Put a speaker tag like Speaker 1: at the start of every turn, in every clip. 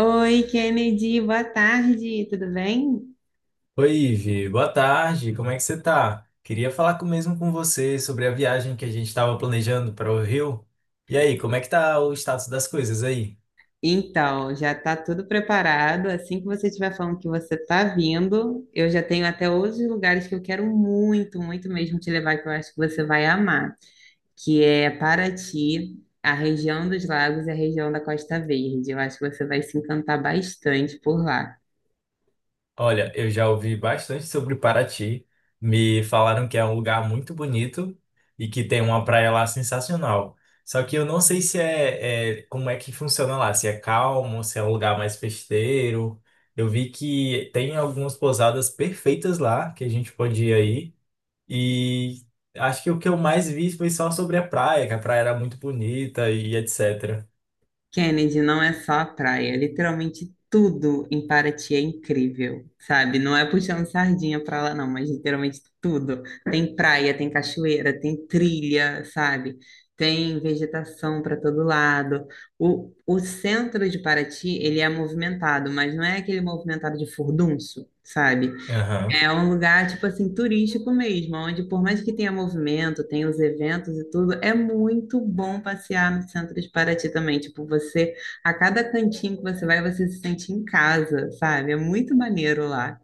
Speaker 1: Oi, Kennedy, boa tarde, tudo bem?
Speaker 2: Oi, Ivi. Boa tarde. Como é que você tá? Queria falar mesmo com você sobre a viagem que a gente estava planejando para o Rio. E aí, como é que tá o status das coisas aí?
Speaker 1: Então, já está tudo preparado. Assim que você estiver falando que você está vindo, eu já tenho até outros lugares que eu quero muito, muito mesmo te levar, que eu acho que você vai amar, que é Paraty, a região dos lagos e a região da Costa Verde. Eu acho que você vai se encantar bastante por lá.
Speaker 2: Olha, eu já ouvi bastante sobre Paraty. Me falaram que é um lugar muito bonito e que tem uma praia lá sensacional. Só que eu não sei se como é que funciona lá, se é calmo, se é um lugar mais festeiro. Eu vi que tem algumas pousadas perfeitas lá que a gente pode ir aí. E acho que o que eu mais vi foi só sobre a praia, que a praia era muito bonita e etc.
Speaker 1: Kennedy, não é só a praia, é literalmente tudo em Paraty é incrível, sabe? Não é puxando sardinha pra lá, não, mas literalmente tudo. Tem praia, tem cachoeira, tem trilha, sabe? Tem vegetação para todo lado. O centro de Paraty, ele é movimentado, mas não é aquele movimentado de furdunço, sabe?
Speaker 2: Aham.
Speaker 1: É um lugar, tipo assim, turístico mesmo, onde por mais que tenha movimento, tenha os eventos e tudo, é muito bom passear no centro de Paraty também. Tipo, você, a cada cantinho que você vai, você se sente em casa, sabe? É muito maneiro lá.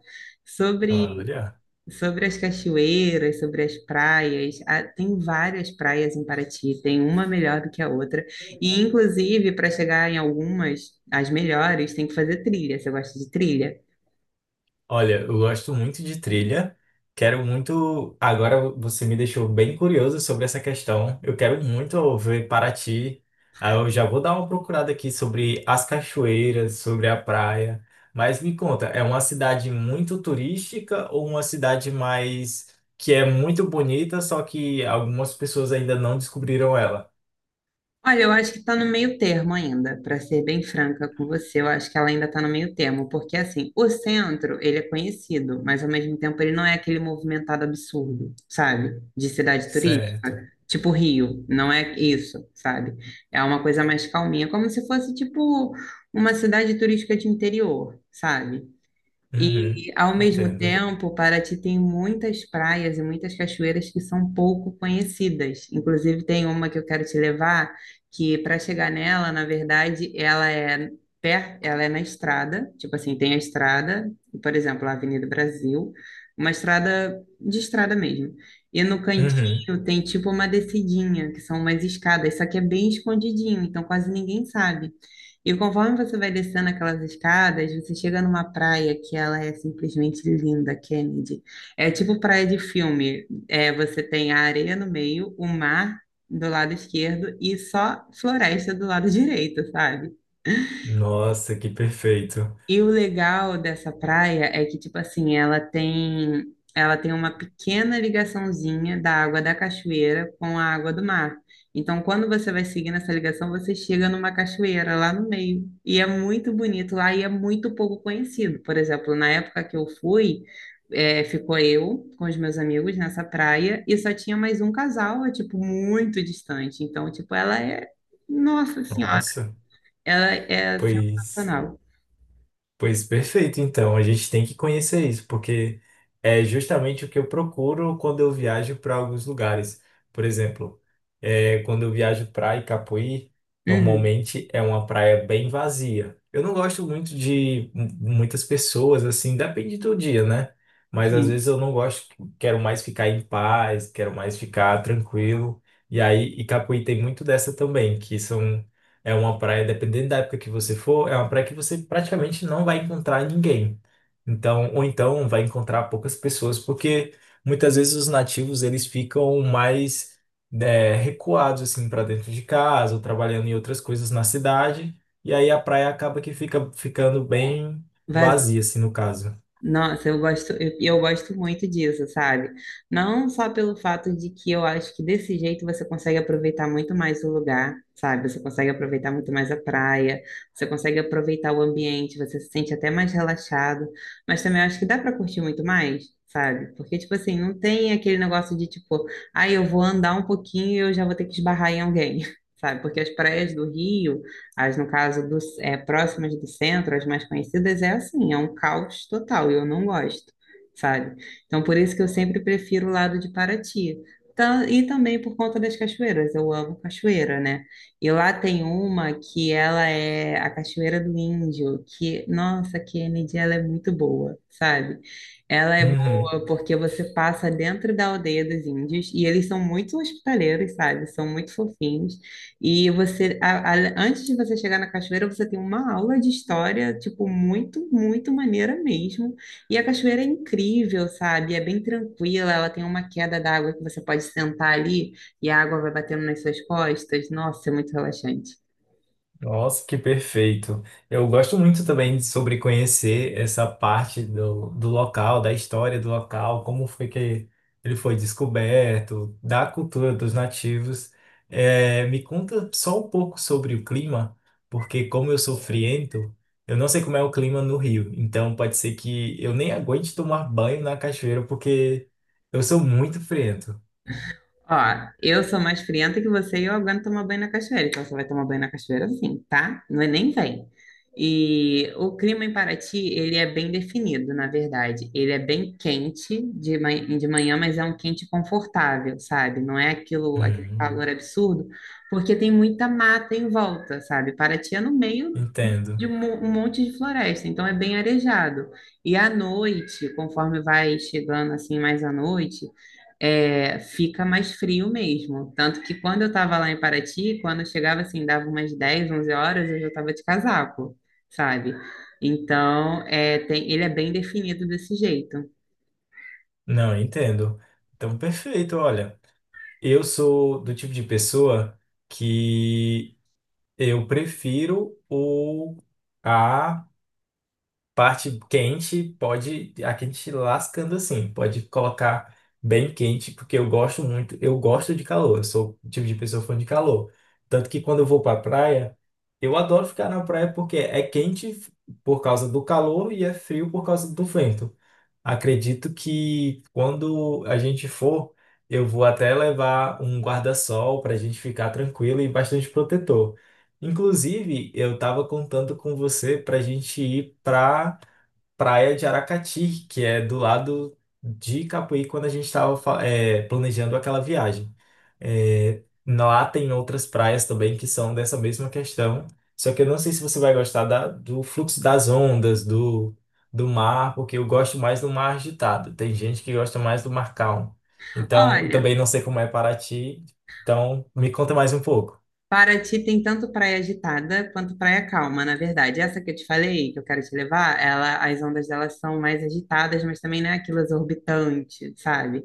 Speaker 1: Sobre,
Speaker 2: Olha.
Speaker 1: sobre as cachoeiras, sobre as praias, ah, tem várias praias em Paraty, tem uma melhor do que a outra. E, inclusive, para chegar em algumas, as melhores, tem que fazer trilha. Você gosta de trilha?
Speaker 2: Olha, eu gosto muito de trilha. Quero muito. Agora você me deixou bem curioso sobre essa questão. Eu quero muito ver Paraty. Aí eu já vou dar uma procurada aqui sobre as cachoeiras, sobre a praia. Mas me conta, é uma cidade muito turística ou uma cidade mais que é muito bonita, só que algumas pessoas ainda não descobriram ela?
Speaker 1: Olha, eu acho que está no meio termo ainda, para ser bem franca com você, eu acho que ela ainda está no meio termo, porque assim, o centro, ele é conhecido, mas ao mesmo tempo ele não é aquele movimentado absurdo, sabe? De cidade turística,
Speaker 2: Certo.
Speaker 1: tipo Rio, não é isso, sabe? É uma coisa mais calminha, como se fosse tipo uma cidade turística de interior, sabe?
Speaker 2: Uhum.
Speaker 1: E, ao mesmo
Speaker 2: Entendo.
Speaker 1: tempo, Paraty tem muitas praias e muitas cachoeiras que são pouco conhecidas. Inclusive, tem uma que eu quero te levar, que para chegar nela, na verdade, ela é ela é na estrada, tipo assim, tem a estrada, por exemplo, a Avenida Brasil, uma estrada de estrada mesmo. E no
Speaker 2: Uhum.
Speaker 1: cantinho tem tipo uma descidinha, que são umas escadas, só que é bem escondidinho, então quase ninguém sabe. E conforme você vai descendo aquelas escadas, você chega numa praia que ela é simplesmente linda, Kennedy. É tipo praia de filme. É, você tem a areia no meio, o mar do lado esquerdo e só floresta do lado direito, sabe?
Speaker 2: Nossa, que perfeito.
Speaker 1: E o legal dessa praia é que, tipo assim, ela tem uma pequena ligaçãozinha da água da cachoeira com a água do mar. Então, quando você vai seguindo essa ligação, você chega numa cachoeira lá no meio. E é muito bonito lá e é muito pouco conhecido. Por exemplo, na época que eu fui, é, ficou eu com os meus amigos nessa praia e só tinha mais um casal, é, tipo, muito distante. Então, tipo, ela é, nossa senhora,
Speaker 2: Nossa,
Speaker 1: ela é
Speaker 2: pois.
Speaker 1: sensacional.
Speaker 2: Pois perfeito, então a gente tem que conhecer isso, porque é justamente o que eu procuro quando eu viajo para alguns lugares. Por exemplo, quando eu viajo para Icapuí,
Speaker 1: Uhum,
Speaker 2: normalmente é uma praia bem vazia. Eu não gosto muito de muitas pessoas, assim, depende do dia, né? Mas às
Speaker 1: sim.
Speaker 2: vezes eu não gosto, quero mais ficar em paz, quero mais ficar tranquilo. E aí, Icapuí tem muito dessa também, que são é uma praia, dependendo da época que você for, é uma praia que você praticamente não vai encontrar ninguém. Então, ou então vai encontrar poucas pessoas, porque muitas vezes os nativos eles ficam mais, né, recuados assim para dentro de casa, ou trabalhando em outras coisas na cidade, e aí a praia acaba que fica ficando bem
Speaker 1: Vaz-
Speaker 2: vazia, assim, no caso.
Speaker 1: Nossa, eu gosto, eu gosto muito disso, sabe? Não só pelo fato de que eu acho que desse jeito você consegue aproveitar muito mais o lugar, sabe? Você consegue aproveitar muito mais a praia, você consegue aproveitar o ambiente, você se sente até mais relaxado, mas também eu acho que dá pra curtir muito mais, sabe? Porque, tipo assim, não tem aquele negócio de tipo, ah, eu vou andar um pouquinho e eu já vou ter que esbarrar em alguém, sabe? Porque as praias do Rio. As, no caso, do, é, próximas do centro, as mais conhecidas, é assim, é um caos total, e eu não gosto, sabe? Então, por isso que eu sempre prefiro o lado de Paraty. E também por conta das cachoeiras, eu amo cachoeira, né? E lá tem uma que ela é a Cachoeira do Índio, que, nossa, que energia ela é muito boa, sabe? Ela é
Speaker 2: Uhum.
Speaker 1: boa porque você passa dentro da aldeia dos índios e eles são muito hospitaleiros, sabe? São muito fofinhos. E você, antes de você chegar na cachoeira, você tem uma aula de história, tipo, muito, muito maneira mesmo. E a cachoeira é incrível, sabe? É bem tranquila, ela tem uma queda d'água que você pode sentar ali e a água vai batendo nas suas costas. Nossa, é muito relaxante.
Speaker 2: Nossa, que perfeito. Eu gosto muito também de- sobre conhecer essa parte do local, da história do local, como foi que ele foi descoberto, da cultura dos nativos. Me conta só um pouco sobre o clima, porque como eu sou friento, eu não sei como é o clima no Rio. Então pode ser que eu nem aguente tomar banho na cachoeira, porque eu sou muito friento.
Speaker 1: Ó, eu sou mais frienta que você e eu aguento tomar banho na cachoeira. Então você vai tomar banho na cachoeira sim, tá? Não é nem vem. E o clima em Paraty, ele é bem definido, na verdade. Ele é bem quente de manhã, mas é um quente confortável, sabe? Não é aquilo, aquele calor
Speaker 2: Hum,
Speaker 1: absurdo, porque tem muita mata em volta, sabe? Paraty é no meio de
Speaker 2: entendo.
Speaker 1: um monte de floresta, então é bem arejado. E à noite, conforme vai chegando assim mais à noite, é, fica mais frio mesmo. Tanto que quando eu estava lá em Paraty, quando eu chegava assim, dava umas 10, 11 horas, eu já estava de casaco, sabe? Então, é, tem, ele é bem definido desse jeito.
Speaker 2: Não, entendo. Então, perfeito, olha. Eu sou do tipo de pessoa que eu prefiro o a parte quente, pode a quente lascando assim, pode colocar bem quente, porque eu gosto muito, eu gosto de calor, eu sou o tipo de pessoa fã de calor. Tanto que quando eu vou pra praia, eu adoro ficar na praia porque é quente por causa do calor e é frio por causa do vento. Acredito que quando a gente for, eu vou até levar um guarda-sol para a gente ficar tranquilo e bastante protetor. Inclusive, eu estava contando com você para a gente ir para praia de Aracati, que é do lado de Capuí, quando a gente estava planejando aquela viagem. É, lá tem outras praias também que são dessa mesma questão, só que eu não sei se você vai gostar do fluxo das ondas, do mar, porque eu gosto mais do mar agitado. Tem gente que gosta mais do mar calmo. Então, eu
Speaker 1: Olha,
Speaker 2: também não sei como é Paraty, então me conta mais um pouco.
Speaker 1: Paraty tem tanto praia agitada quanto praia calma, na verdade. Essa que eu te falei, que eu quero te levar, ela, as ondas delas são mais agitadas, mas também não é aquilo exorbitante, sabe?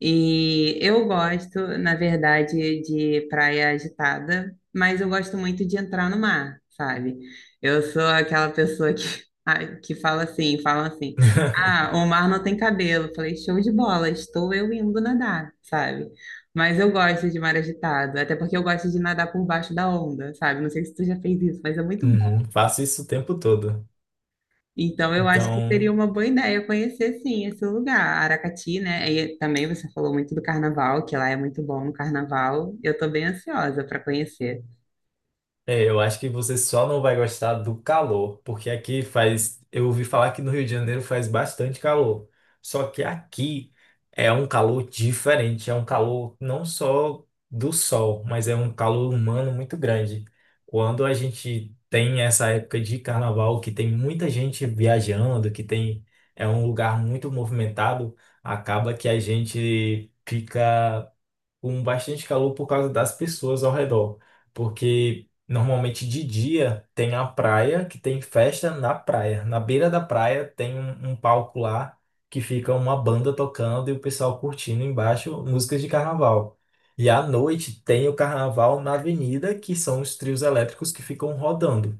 Speaker 1: E eu gosto, na verdade, de praia agitada, mas eu gosto muito de entrar no mar, sabe? Eu sou aquela pessoa que, ah, que fala assim, ah, o mar não tem cabelo. Eu falei, show de bola, estou eu indo nadar, sabe? Mas eu gosto de mar agitado, até porque eu gosto de nadar por baixo da onda, sabe? Não sei se tu já fez isso, mas é muito
Speaker 2: Uhum,
Speaker 1: bom.
Speaker 2: faço isso o tempo todo.
Speaker 1: Então eu acho que seria
Speaker 2: Então.
Speaker 1: uma boa ideia conhecer sim esse lugar, Aracati, né? E também você falou muito do carnaval, que lá é muito bom no carnaval. Eu tô bem ansiosa para conhecer.
Speaker 2: É, eu acho que você só não vai gostar do calor, porque aqui faz. Eu ouvi falar que no Rio de Janeiro faz bastante calor. Só que aqui é um calor diferente, é um calor não só do sol, mas é um calor humano muito grande. Quando a gente tem essa época de carnaval, que tem muita gente viajando, que tem é um lugar muito movimentado, acaba que a gente fica com bastante calor por causa das pessoas ao redor. Porque normalmente de dia tem a praia, que tem festa na praia. Na beira da praia tem um palco lá que fica uma banda tocando e o pessoal curtindo embaixo músicas de carnaval. E à noite tem o carnaval na avenida, que são os trios elétricos que ficam rodando.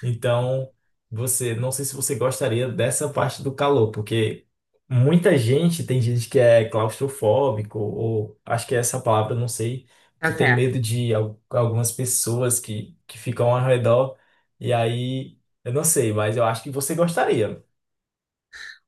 Speaker 2: Então, você, não sei se você gostaria dessa parte do calor, porque muita gente, tem gente que é claustrofóbico, ou acho que é essa palavra, não sei,
Speaker 1: Tá
Speaker 2: que tem
Speaker 1: certo.
Speaker 2: medo de algumas pessoas que ficam ao redor, e aí, eu não sei, mas eu acho que você gostaria.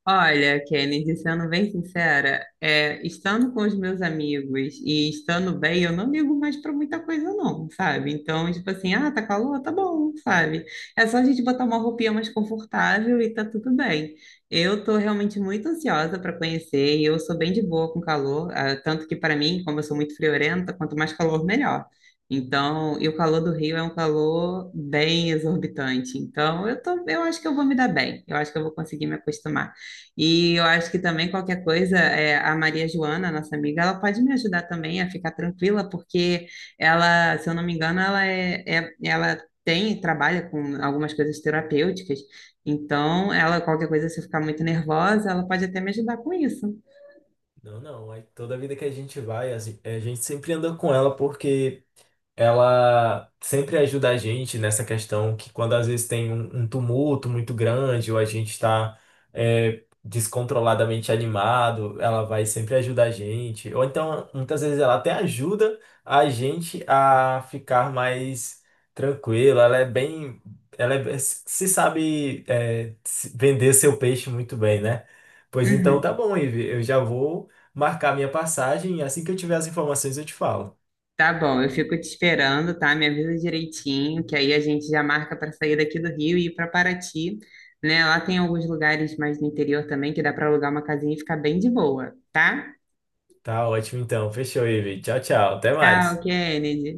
Speaker 1: Olha, Kennedy, sendo bem sincera, é, estando com os meus amigos e estando bem, eu não ligo mais para muita coisa, não, sabe? Então, tipo assim, ah, tá calor? Tá bom, sabe? É só a gente botar uma roupinha mais confortável e tá tudo bem. Eu tô realmente muito ansiosa para conhecer, e eu sou bem de boa com calor, ah, tanto que para mim, como eu sou muito friorenta, quanto mais calor, melhor. Então, e o calor do Rio é um calor bem exorbitante. Então, eu tô, eu acho que eu vou me dar bem. Eu acho que eu vou conseguir me acostumar. E eu acho que também qualquer coisa, é, a Maria Joana, nossa amiga, ela pode me ajudar também a ficar tranquila, porque ela, se eu não me engano, ela tem, trabalha com algumas coisas terapêuticas. Então, ela, qualquer coisa, se eu ficar muito nervosa, ela pode até me ajudar com isso.
Speaker 2: Não, não, é toda vida que a gente vai, a a gente sempre anda com ela, porque ela sempre ajuda a gente nessa questão que quando às vezes tem um tumulto muito grande ou a gente está descontroladamente animado, ela vai sempre ajudar a gente. Ou então, muitas vezes ela até ajuda a gente a ficar mais tranquilo. Ela é bem, ela é- se sabe é, se- vender seu peixe muito bem, né? Pois então
Speaker 1: Uhum.
Speaker 2: tá bom, Ivi, eu já vou marcar minha passagem e assim que eu tiver as informações eu te falo.
Speaker 1: Tá bom, eu fico te esperando, tá? Me avisa direitinho, que aí a gente já marca para sair daqui do Rio e ir para Paraty, né? Lá tem alguns lugares mais no interior também que dá para alugar uma casinha e ficar bem de boa, tá?
Speaker 2: Tá ótimo então. Fechou, Ivi. Tchau, tchau. Até
Speaker 1: Tchau,
Speaker 2: mais.
Speaker 1: Kennedy.